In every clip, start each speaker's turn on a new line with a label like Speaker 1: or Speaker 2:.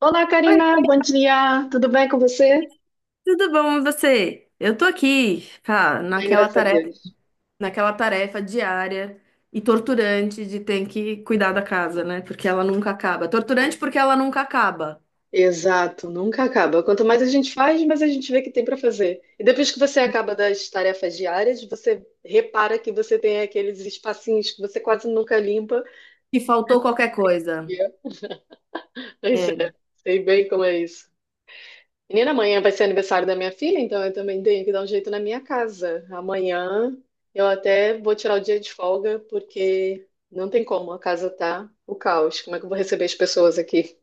Speaker 1: Olá,
Speaker 2: Oi,
Speaker 1: Karina, bom dia. Tudo bem com você?
Speaker 2: tudo bom e você? Eu tô aqui, cara,
Speaker 1: Bem,
Speaker 2: naquela
Speaker 1: graças a
Speaker 2: tarefa,
Speaker 1: Deus.
Speaker 2: naquela tarefa diária e torturante de ter que cuidar da casa, né? Porque ela nunca acaba. Torturante porque ela nunca acaba.
Speaker 1: Exato, nunca acaba. Quanto mais a gente faz, mais a gente vê que tem para fazer. E depois que você acaba das tarefas diárias, você repara que você tem aqueles espacinhos que você quase nunca limpa.
Speaker 2: E faltou qualquer coisa.
Speaker 1: Yeah. Pois
Speaker 2: É.
Speaker 1: é, sei bem como é isso. Menina, amanhã vai ser aniversário da minha filha, então eu também tenho que dar um jeito na minha casa. Amanhã eu até vou tirar o dia de folga, porque não tem como, a casa tá o caos. Como é que eu vou receber as pessoas aqui?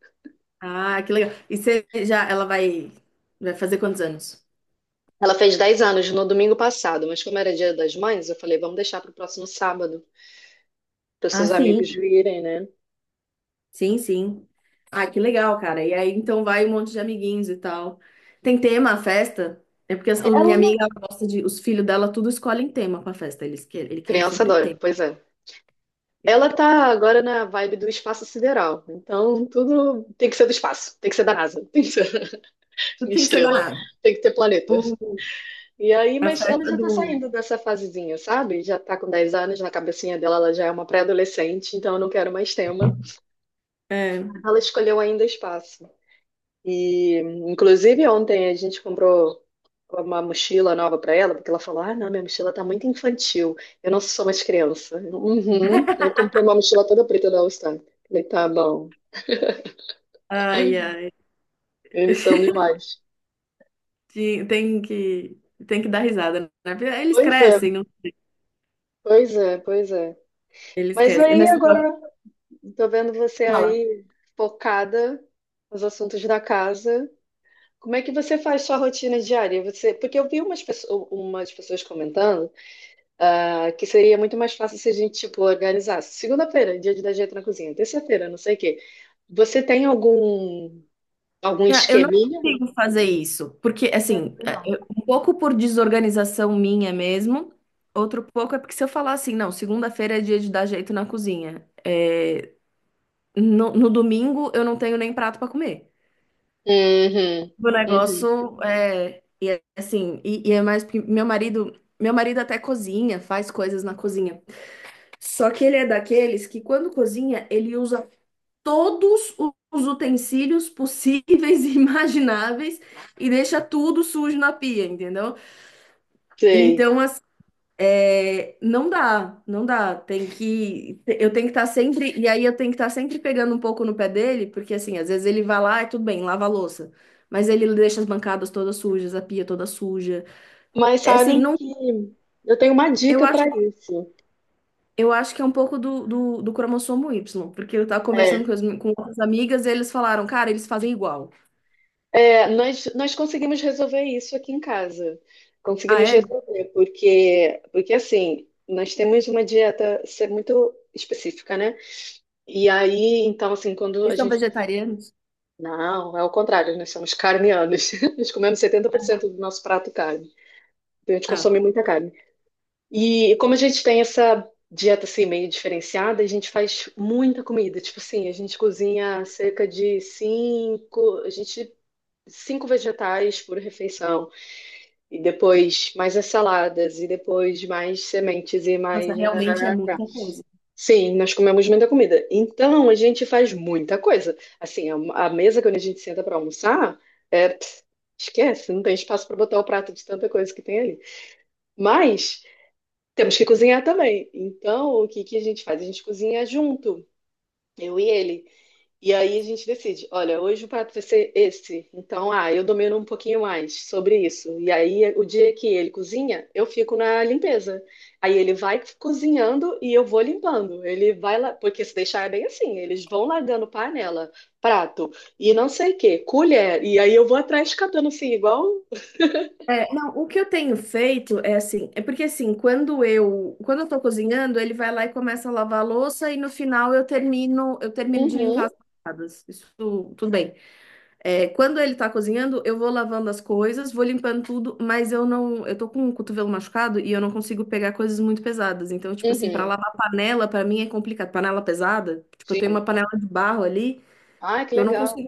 Speaker 2: Ah, que legal. E você já, ela vai, vai fazer quantos anos?
Speaker 1: Ela fez 10 anos no domingo passado, mas como era Dia das Mães, eu falei, vamos deixar para o próximo sábado, para os
Speaker 2: Ah,
Speaker 1: seus amigos
Speaker 2: sim.
Speaker 1: virem, né?
Speaker 2: Sim, sim. Ah, que legal, cara. E aí, então, vai um monte de amiguinhos e tal. Tem tema a festa? É porque a minha
Speaker 1: Ela,
Speaker 2: amiga ela gosta de. Os filhos dela tudo escolhem tema pra festa. Eles que ele quer
Speaker 1: criança
Speaker 2: sempre
Speaker 1: adora,
Speaker 2: tema.
Speaker 1: pois é. Ela tá agora na vibe do espaço sideral, então tudo tem que ser do espaço, tem que ser da NASA, tem que ser
Speaker 2: Tudo tem que ser
Speaker 1: estrela,
Speaker 2: danado.
Speaker 1: tem que ter planeta.
Speaker 2: O-
Speaker 1: E aí,
Speaker 2: a
Speaker 1: mas ela
Speaker 2: festa
Speaker 1: já tá
Speaker 2: do.
Speaker 1: saindo dessa fasezinha, sabe? Já tá com 10 anos, na cabecinha dela ela já é uma pré-adolescente, então eu não quero mais tema.
Speaker 2: É.
Speaker 1: Ela escolheu ainda espaço. E, inclusive, ontem a gente comprou uma mochila nova para ela, porque ela falou: "Ah, não, minha mochila tá muito infantil, eu não sou mais criança." Uhum. Aí comprou uma mochila toda preta da All-Star. Falei: "Tá bom,
Speaker 2: Ai, ai.
Speaker 1: eles são demais."
Speaker 2: Tem tem que dar risada, né? Eles
Speaker 1: Pois
Speaker 2: crescem,
Speaker 1: é,
Speaker 2: não?
Speaker 1: pois é, pois é.
Speaker 2: Eles
Speaker 1: Mas
Speaker 2: crescem.
Speaker 1: aí
Speaker 2: Nesse negócio,
Speaker 1: agora tô vendo você aí focada nos assuntos da casa. Como é que você faz sua rotina diária? Você, porque eu vi umas pessoas comentando. Ah, que seria muito mais fácil se a gente, tipo, organizasse. Segunda-feira, dia de dar jeito na cozinha. Terça-feira, não sei o quê. Você tem algum, algum
Speaker 2: cara, eu não
Speaker 1: esqueminha?
Speaker 2: consigo fazer isso, porque, assim, é, um pouco por desorganização minha mesmo, outro pouco é porque se eu falar assim, não, segunda-feira é dia de dar jeito na cozinha, é, no domingo eu não tenho nem prato pra comer.
Speaker 1: Uhum,
Speaker 2: O
Speaker 1: uhum,
Speaker 2: negócio é, e é assim, e é mais porque meu marido até cozinha, faz coisas na cozinha, só que ele é daqueles que quando cozinha, ele usa todos os utensílios possíveis e imagináveis e deixa tudo sujo na pia, entendeu?
Speaker 1: sei.
Speaker 2: Então, assim, é, não dá. Eu tenho que estar sempre, e aí eu tenho que estar sempre pegando um pouco no pé dele, porque assim, às vezes ele vai lá e tudo bem, lava a louça, mas ele deixa as bancadas todas sujas, a pia toda suja.
Speaker 1: Mas
Speaker 2: É assim,
Speaker 1: sabem
Speaker 2: não.
Speaker 1: que eu tenho uma
Speaker 2: Eu
Speaker 1: dica
Speaker 2: acho,
Speaker 1: para isso.
Speaker 2: eu acho que é um pouco do cromossomo Y, porque eu tava
Speaker 1: É,
Speaker 2: conversando com outras amigas e eles falaram, cara, eles fazem igual.
Speaker 1: é, nós conseguimos resolver isso aqui em casa.
Speaker 2: Ah,
Speaker 1: Conseguimos
Speaker 2: é?
Speaker 1: resolver, porque, porque assim, nós temos uma dieta ser muito específica, né? E aí, então, assim, quando
Speaker 2: Vocês
Speaker 1: a
Speaker 2: são
Speaker 1: gente.
Speaker 2: vegetarianos?
Speaker 1: Não, é o contrário, nós somos carnianos. Nós comemos 70% do nosso prato carne. Então a gente
Speaker 2: Ah.
Speaker 1: consome muita carne. E como a gente tem essa dieta assim meio diferenciada, a gente faz muita comida. Tipo assim, a gente cozinha cerca de cinco, a gente cinco vegetais por refeição e depois mais as saladas e depois mais sementes e
Speaker 2: Nossa,
Speaker 1: mais.
Speaker 2: realmente é muita coisa.
Speaker 1: Sim, nós comemos muita comida. Então, a gente faz muita coisa. Assim, a mesa quando a gente senta para almoçar, é, pss, esquece, não tem espaço para botar o prato de tanta coisa que tem ali. Mas temos que cozinhar também. Então, o que que a gente faz? A gente cozinha junto, eu e ele. E aí a gente decide, olha, hoje o prato vai ser esse. Então, ah, eu domino um pouquinho mais sobre isso. E aí, o dia que ele cozinha, eu fico na limpeza. Aí ele vai cozinhando e eu vou limpando. Ele vai lá, porque se deixar é bem assim, eles vão largando panela, prato e não sei o quê, colher. E aí eu vou atrás catando assim, igual.
Speaker 2: É, não, o que eu tenho feito é assim, é porque assim, quando eu tô cozinhando, ele vai lá e começa a lavar a louça e no final eu termino de limpar
Speaker 1: Uhum,
Speaker 2: as pancadas. Isso tudo bem. É, quando ele tá cozinhando, eu vou lavando as coisas, vou limpando tudo, mas eu não, eu tô com o cotovelo machucado e eu não consigo pegar coisas muito pesadas. Então, tipo assim, para
Speaker 1: uhum,
Speaker 2: lavar panela, para mim é complicado. Panela pesada, tipo, eu tenho
Speaker 1: sim.
Speaker 2: uma panela de barro ali
Speaker 1: Ah, que
Speaker 2: que eu não
Speaker 1: legal.
Speaker 2: consigo.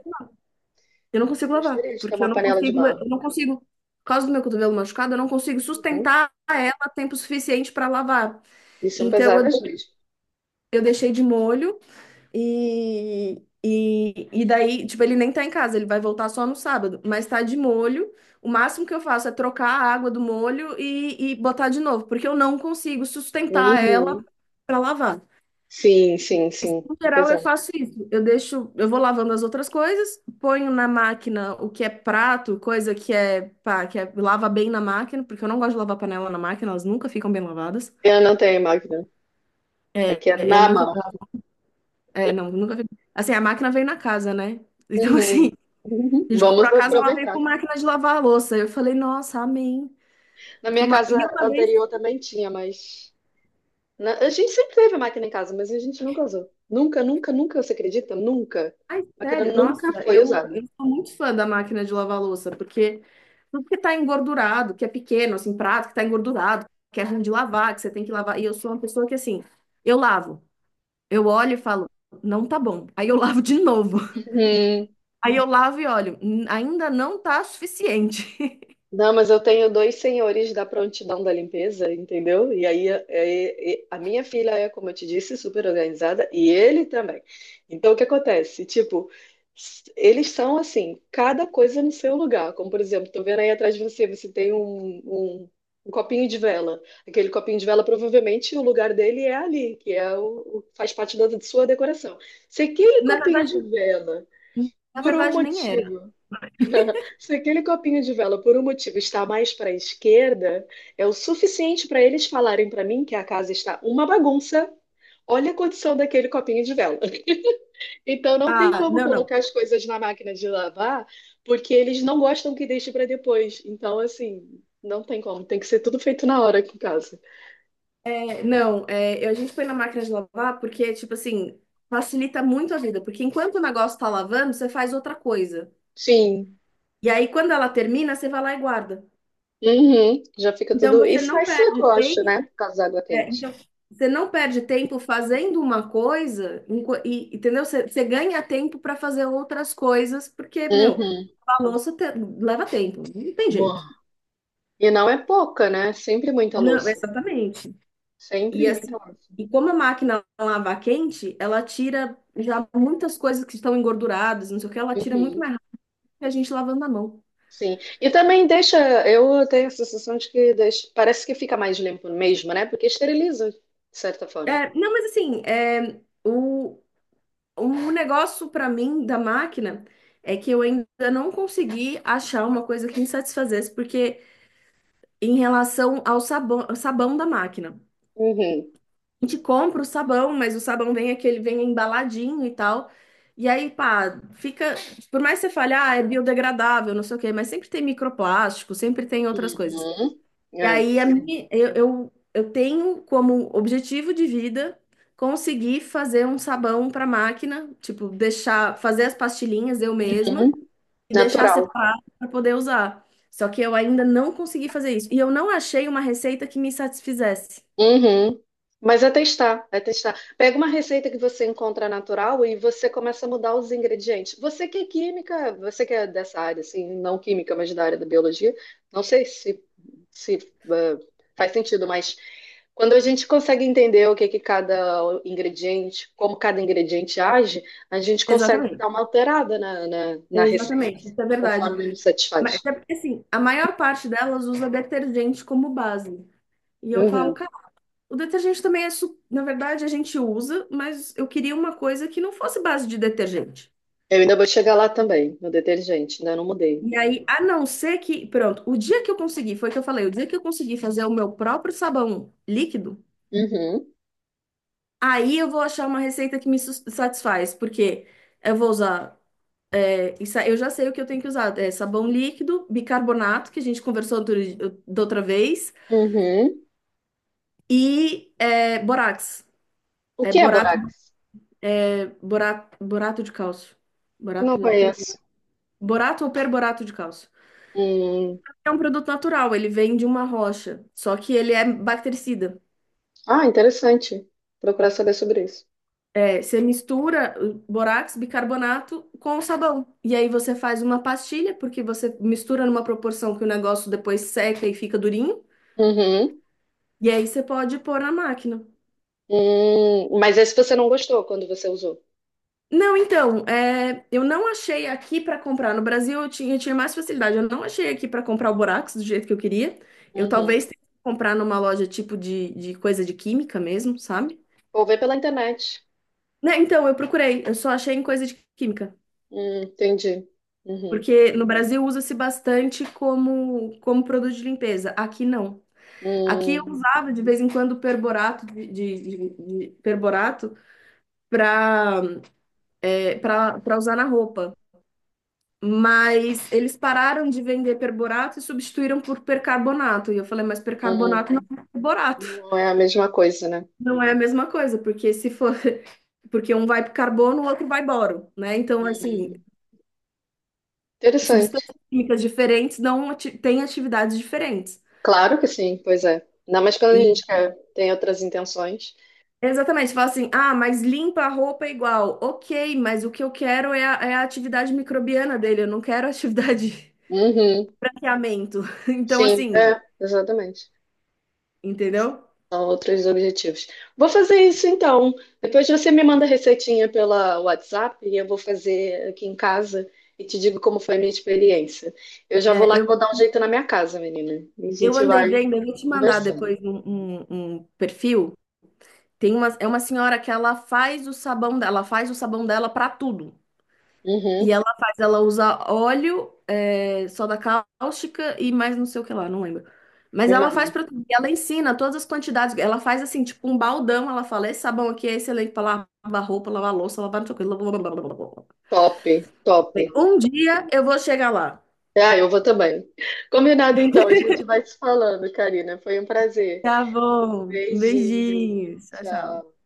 Speaker 2: Eu não consigo lavar,
Speaker 1: Gostaria de ter
Speaker 2: porque eu
Speaker 1: uma
Speaker 2: não
Speaker 1: panela de
Speaker 2: consigo,
Speaker 1: barro.
Speaker 2: eu não consigo, por causa do meu cotovelo machucado, eu não consigo
Speaker 1: Uhum.
Speaker 2: sustentar ela tempo suficiente para lavar.
Speaker 1: E são
Speaker 2: Então eu, de-
Speaker 1: pesadas mesmo.
Speaker 2: eu deixei de molho e, e daí, tipo, ele nem tá em casa, ele vai voltar só no sábado, mas tá de molho. O máximo que eu faço é trocar a água do molho e botar de novo, porque eu não consigo sustentar ela
Speaker 1: Uhum.
Speaker 2: para lavar.
Speaker 1: Sim, sim, sim.
Speaker 2: No
Speaker 1: É
Speaker 2: geral, eu
Speaker 1: pesado.
Speaker 2: faço isso. Eu deixo, eu vou lavando as outras coisas, ponho na máquina o que é prato, coisa que é, pá, que é, lava bem na máquina, porque eu não gosto de lavar panela na máquina, elas nunca ficam bem lavadas.
Speaker 1: Eu não tenho máquina.
Speaker 2: É,
Speaker 1: Aqui é
Speaker 2: eu
Speaker 1: na
Speaker 2: nunca,
Speaker 1: mão.
Speaker 2: é, nunca fico. Assim, a máquina veio na casa, né? Então,
Speaker 1: Uhum.
Speaker 2: assim,
Speaker 1: Uhum.
Speaker 2: a gente comprou
Speaker 1: Vamos
Speaker 2: a casa, ela veio
Speaker 1: aproveitar.
Speaker 2: com máquina de lavar a louça. Eu falei, nossa, amém.
Speaker 1: Na
Speaker 2: Porque
Speaker 1: minha casa
Speaker 2: e uma vez.
Speaker 1: anterior também tinha, mas. Na- A gente sempre teve máquina em casa, mas a gente nunca usou. Nunca, nunca, nunca, você acredita? Nunca.
Speaker 2: Ai,
Speaker 1: A máquina
Speaker 2: sério, nossa,
Speaker 1: nunca foi
Speaker 2: eu
Speaker 1: usada.
Speaker 2: sou muito fã da máquina de lavar louça, porque tudo que tá engordurado, que é pequeno, assim, prato que tá engordurado, que é ruim de lavar, que você tem que lavar. E eu sou uma pessoa que, assim, eu lavo, eu olho e falo, não tá bom. Aí eu lavo de novo.
Speaker 1: Uhum.
Speaker 2: Aí eu lavo e olho, ainda não tá suficiente."
Speaker 1: Não, mas eu tenho dois senhores da prontidão da limpeza, entendeu? E aí a minha filha é, como eu te disse, super organizada e ele também. Então o que acontece? Tipo, s- eles são assim, cada coisa no seu lugar. Como por exemplo, tô vendo aí atrás de você, você tem um copinho de vela. Aquele copinho de vela, provavelmente o lugar dele é ali, que é faz parte da sua decoração. Se aquele
Speaker 2: Na
Speaker 1: copinho de vela, por um
Speaker 2: verdade, nem era.
Speaker 1: motivo Se aquele copinho de vela por um motivo está mais para a esquerda, é o suficiente para eles falarem para mim que a casa está uma bagunça. Olha a condição daquele copinho de vela. Então não tem
Speaker 2: Ah,
Speaker 1: como
Speaker 2: não, não.
Speaker 1: colocar as coisas na máquina de lavar, porque eles não gostam que deixe para depois. Então, assim, não tem como. Tem que ser tudo feito na hora aqui em casa.
Speaker 2: É, não, é, a gente põe na máquina de lavar porque, tipo assim, facilita muito a vida, porque enquanto o negócio tá lavando, você faz outra coisa.
Speaker 1: Sim.
Speaker 2: E aí, quando ela termina, você vai lá e guarda.
Speaker 1: Uhum. Já fica
Speaker 2: Então,
Speaker 1: tudo. E
Speaker 2: você não
Speaker 1: sai
Speaker 2: perde
Speaker 1: sacoche,
Speaker 2: tempo.
Speaker 1: né? Por causa da água
Speaker 2: É,
Speaker 1: quente.
Speaker 2: então, você não perde tempo fazendo uma coisa, entendeu? Você ganha tempo para fazer outras coisas, porque, meu,
Speaker 1: Uhum.
Speaker 2: a leva tempo, não tem jeito.
Speaker 1: Boa. E não é pouca, né? Sempre muita
Speaker 2: Não,
Speaker 1: louça.
Speaker 2: exatamente.
Speaker 1: Sempre
Speaker 2: E assim,
Speaker 1: muita louça.
Speaker 2: e como a máquina lava a quente, ela tira já muitas coisas que estão engorduradas, não sei o que, ela tira muito
Speaker 1: Uhum,
Speaker 2: mais rápido que a gente lavando a mão.
Speaker 1: sim. E também deixa, eu tenho a sensação de que deixa, parece que fica mais limpo mesmo, né? Porque esteriliza, de certa forma.
Speaker 2: É, não, mas assim, é, o negócio pra mim da máquina é que eu ainda não consegui achar uma coisa que me satisfazesse, porque em relação ao sabão da máquina.
Speaker 1: Uhum.
Speaker 2: A gente compra o sabão, mas o sabão vem aquele, vem embaladinho e tal. E aí, pá, fica. Por mais que você fale, ah, é biodegradável, não sei o quê, mas sempre tem microplástico, sempre tem outras coisas.
Speaker 1: Uhum.
Speaker 2: E
Speaker 1: É,
Speaker 2: aí a
Speaker 1: sim.
Speaker 2: eu tenho como objetivo de vida conseguir fazer um sabão para máquina, tipo, deixar, fazer as pastilhinhas eu mesma
Speaker 1: Uhum.
Speaker 2: e deixar
Speaker 1: Natural.
Speaker 2: separado para poder usar. Só que eu ainda não consegui fazer isso. E eu não achei uma receita que me satisfizesse.
Speaker 1: Uhum. Mas é testar, é testar. Pega uma receita que você encontra natural e você começa a mudar os ingredientes. Você que é química, você que é dessa área, assim, não química, mas da área da biologia, não sei se eh, faz sentido, mas quando a gente consegue entender o que que cada ingrediente, como cada ingrediente age, a gente consegue
Speaker 2: Exatamente.
Speaker 1: dar uma alterada na receita,
Speaker 2: Exatamente,
Speaker 1: assim,
Speaker 2: isso é verdade.
Speaker 1: conforme nos
Speaker 2: Mas
Speaker 1: satisfaz.
Speaker 2: é porque assim, a maior parte delas usa detergente como base. E eu falo,
Speaker 1: Uhum.
Speaker 2: cara, o detergente também é, na verdade, a gente usa, mas eu queria uma coisa que não fosse base de detergente.
Speaker 1: Eu ainda vou chegar lá também, no detergente, ainda não mudei.
Speaker 2: E aí, a não ser que, pronto, o dia que eu consegui, foi o que eu falei, o dia que eu consegui fazer o meu próprio sabão líquido,
Speaker 1: Uhum.
Speaker 2: aí eu vou achar uma receita que me satisfaz, porque eu vou usar, é, isso, aí eu já sei o que eu tenho que usar, é sabão líquido, bicarbonato, que a gente conversou da outra vez,
Speaker 1: Uhum.
Speaker 2: e é, borax,
Speaker 1: O
Speaker 2: é
Speaker 1: que é
Speaker 2: borato,
Speaker 1: borax?
Speaker 2: é borato de cálcio,
Speaker 1: Não
Speaker 2: borato, de.
Speaker 1: conheço.
Speaker 2: Borato ou perborato de cálcio.
Speaker 1: Hum.
Speaker 2: É um produto natural, ele vem de uma rocha, só que ele é bactericida.
Speaker 1: Ah, interessante. Procurar saber sobre isso.
Speaker 2: É, você mistura borax, bicarbonato com o sabão. E aí você faz uma pastilha, porque você mistura numa proporção que o negócio depois seca e fica durinho.
Speaker 1: Uhum.
Speaker 2: E aí você pode pôr na máquina.
Speaker 1: Hum. Mas esse você não gostou quando você usou?
Speaker 2: Não, então, é, eu não achei aqui para comprar. No Brasil eu tinha mais facilidade. Eu não achei aqui para comprar o borax do jeito que eu queria. Eu talvez
Speaker 1: Uhum.
Speaker 2: tenha que comprar numa loja tipo de coisa de química mesmo, sabe?
Speaker 1: Vou ver pela internet.
Speaker 2: Né, então, eu procurei, eu só achei em coisa de química,
Speaker 1: Entendi. Uhum.
Speaker 2: porque no Brasil usa-se bastante como, como produto de limpeza, aqui não. Aqui eu
Speaker 1: Hum,
Speaker 2: usava de vez em quando perborato de perborato para para usar na roupa, mas eles pararam de vender perborato e substituíram por percarbonato. E eu falei, mas percarbonato não
Speaker 1: hum.
Speaker 2: é perborato.
Speaker 1: Não é a mesma coisa, né?
Speaker 2: Não é a mesma coisa, porque se for, porque um vai pro carbono, o outro vai boro, né? Então, assim,
Speaker 1: Interessante.
Speaker 2: substâncias químicas diferentes têm atividades diferentes.
Speaker 1: Claro que sim, pois é. Ainda mais quando a gente
Speaker 2: E-
Speaker 1: quer, tem outras intenções.
Speaker 2: Exatamente, você fala assim, ah, mas limpa a roupa é igual. Ok, mas o que eu quero é é a atividade microbiana dele, eu não quero a atividade
Speaker 1: Uhum.
Speaker 2: branqueamento. Então,
Speaker 1: Sim,
Speaker 2: assim,
Speaker 1: é, exatamente.
Speaker 2: entendeu?
Speaker 1: São outros objetivos. Vou fazer isso então. Depois você me manda a receitinha pela WhatsApp e eu vou fazer aqui em casa e te digo como foi a minha experiência. Eu já vou
Speaker 2: É,
Speaker 1: lá que vou dar um jeito na minha casa, menina. E a
Speaker 2: eu
Speaker 1: gente
Speaker 2: andei
Speaker 1: vai
Speaker 2: vendo, eu vou te mandar
Speaker 1: conversando.
Speaker 2: depois um perfil. Tem uma, é uma senhora que ela faz o sabão dela, ela faz o sabão dela para tudo. E
Speaker 1: Uhum.
Speaker 2: ela faz ela usar óleo, é, soda cáustica e mais não sei o que lá, não lembro. Mas
Speaker 1: Me
Speaker 2: ela faz
Speaker 1: manda.
Speaker 2: pra tudo. E ela ensina todas as quantidades. Ela faz assim, tipo um baldão. Ela fala: esse sabão aqui é excelente pra lavar roupa, lavar louça, lavar não sei o que. Blá, blá, blá, blá, blá, blá, blá.
Speaker 1: Top, top.
Speaker 2: Um dia eu vou chegar lá.
Speaker 1: Ah, eu vou também. Combinado então, a gente vai se falando, Karina. Foi um prazer.
Speaker 2: Tá bom.
Speaker 1: Beijinho.
Speaker 2: Beijinhos. Tchau, tchau.
Speaker 1: Tchau.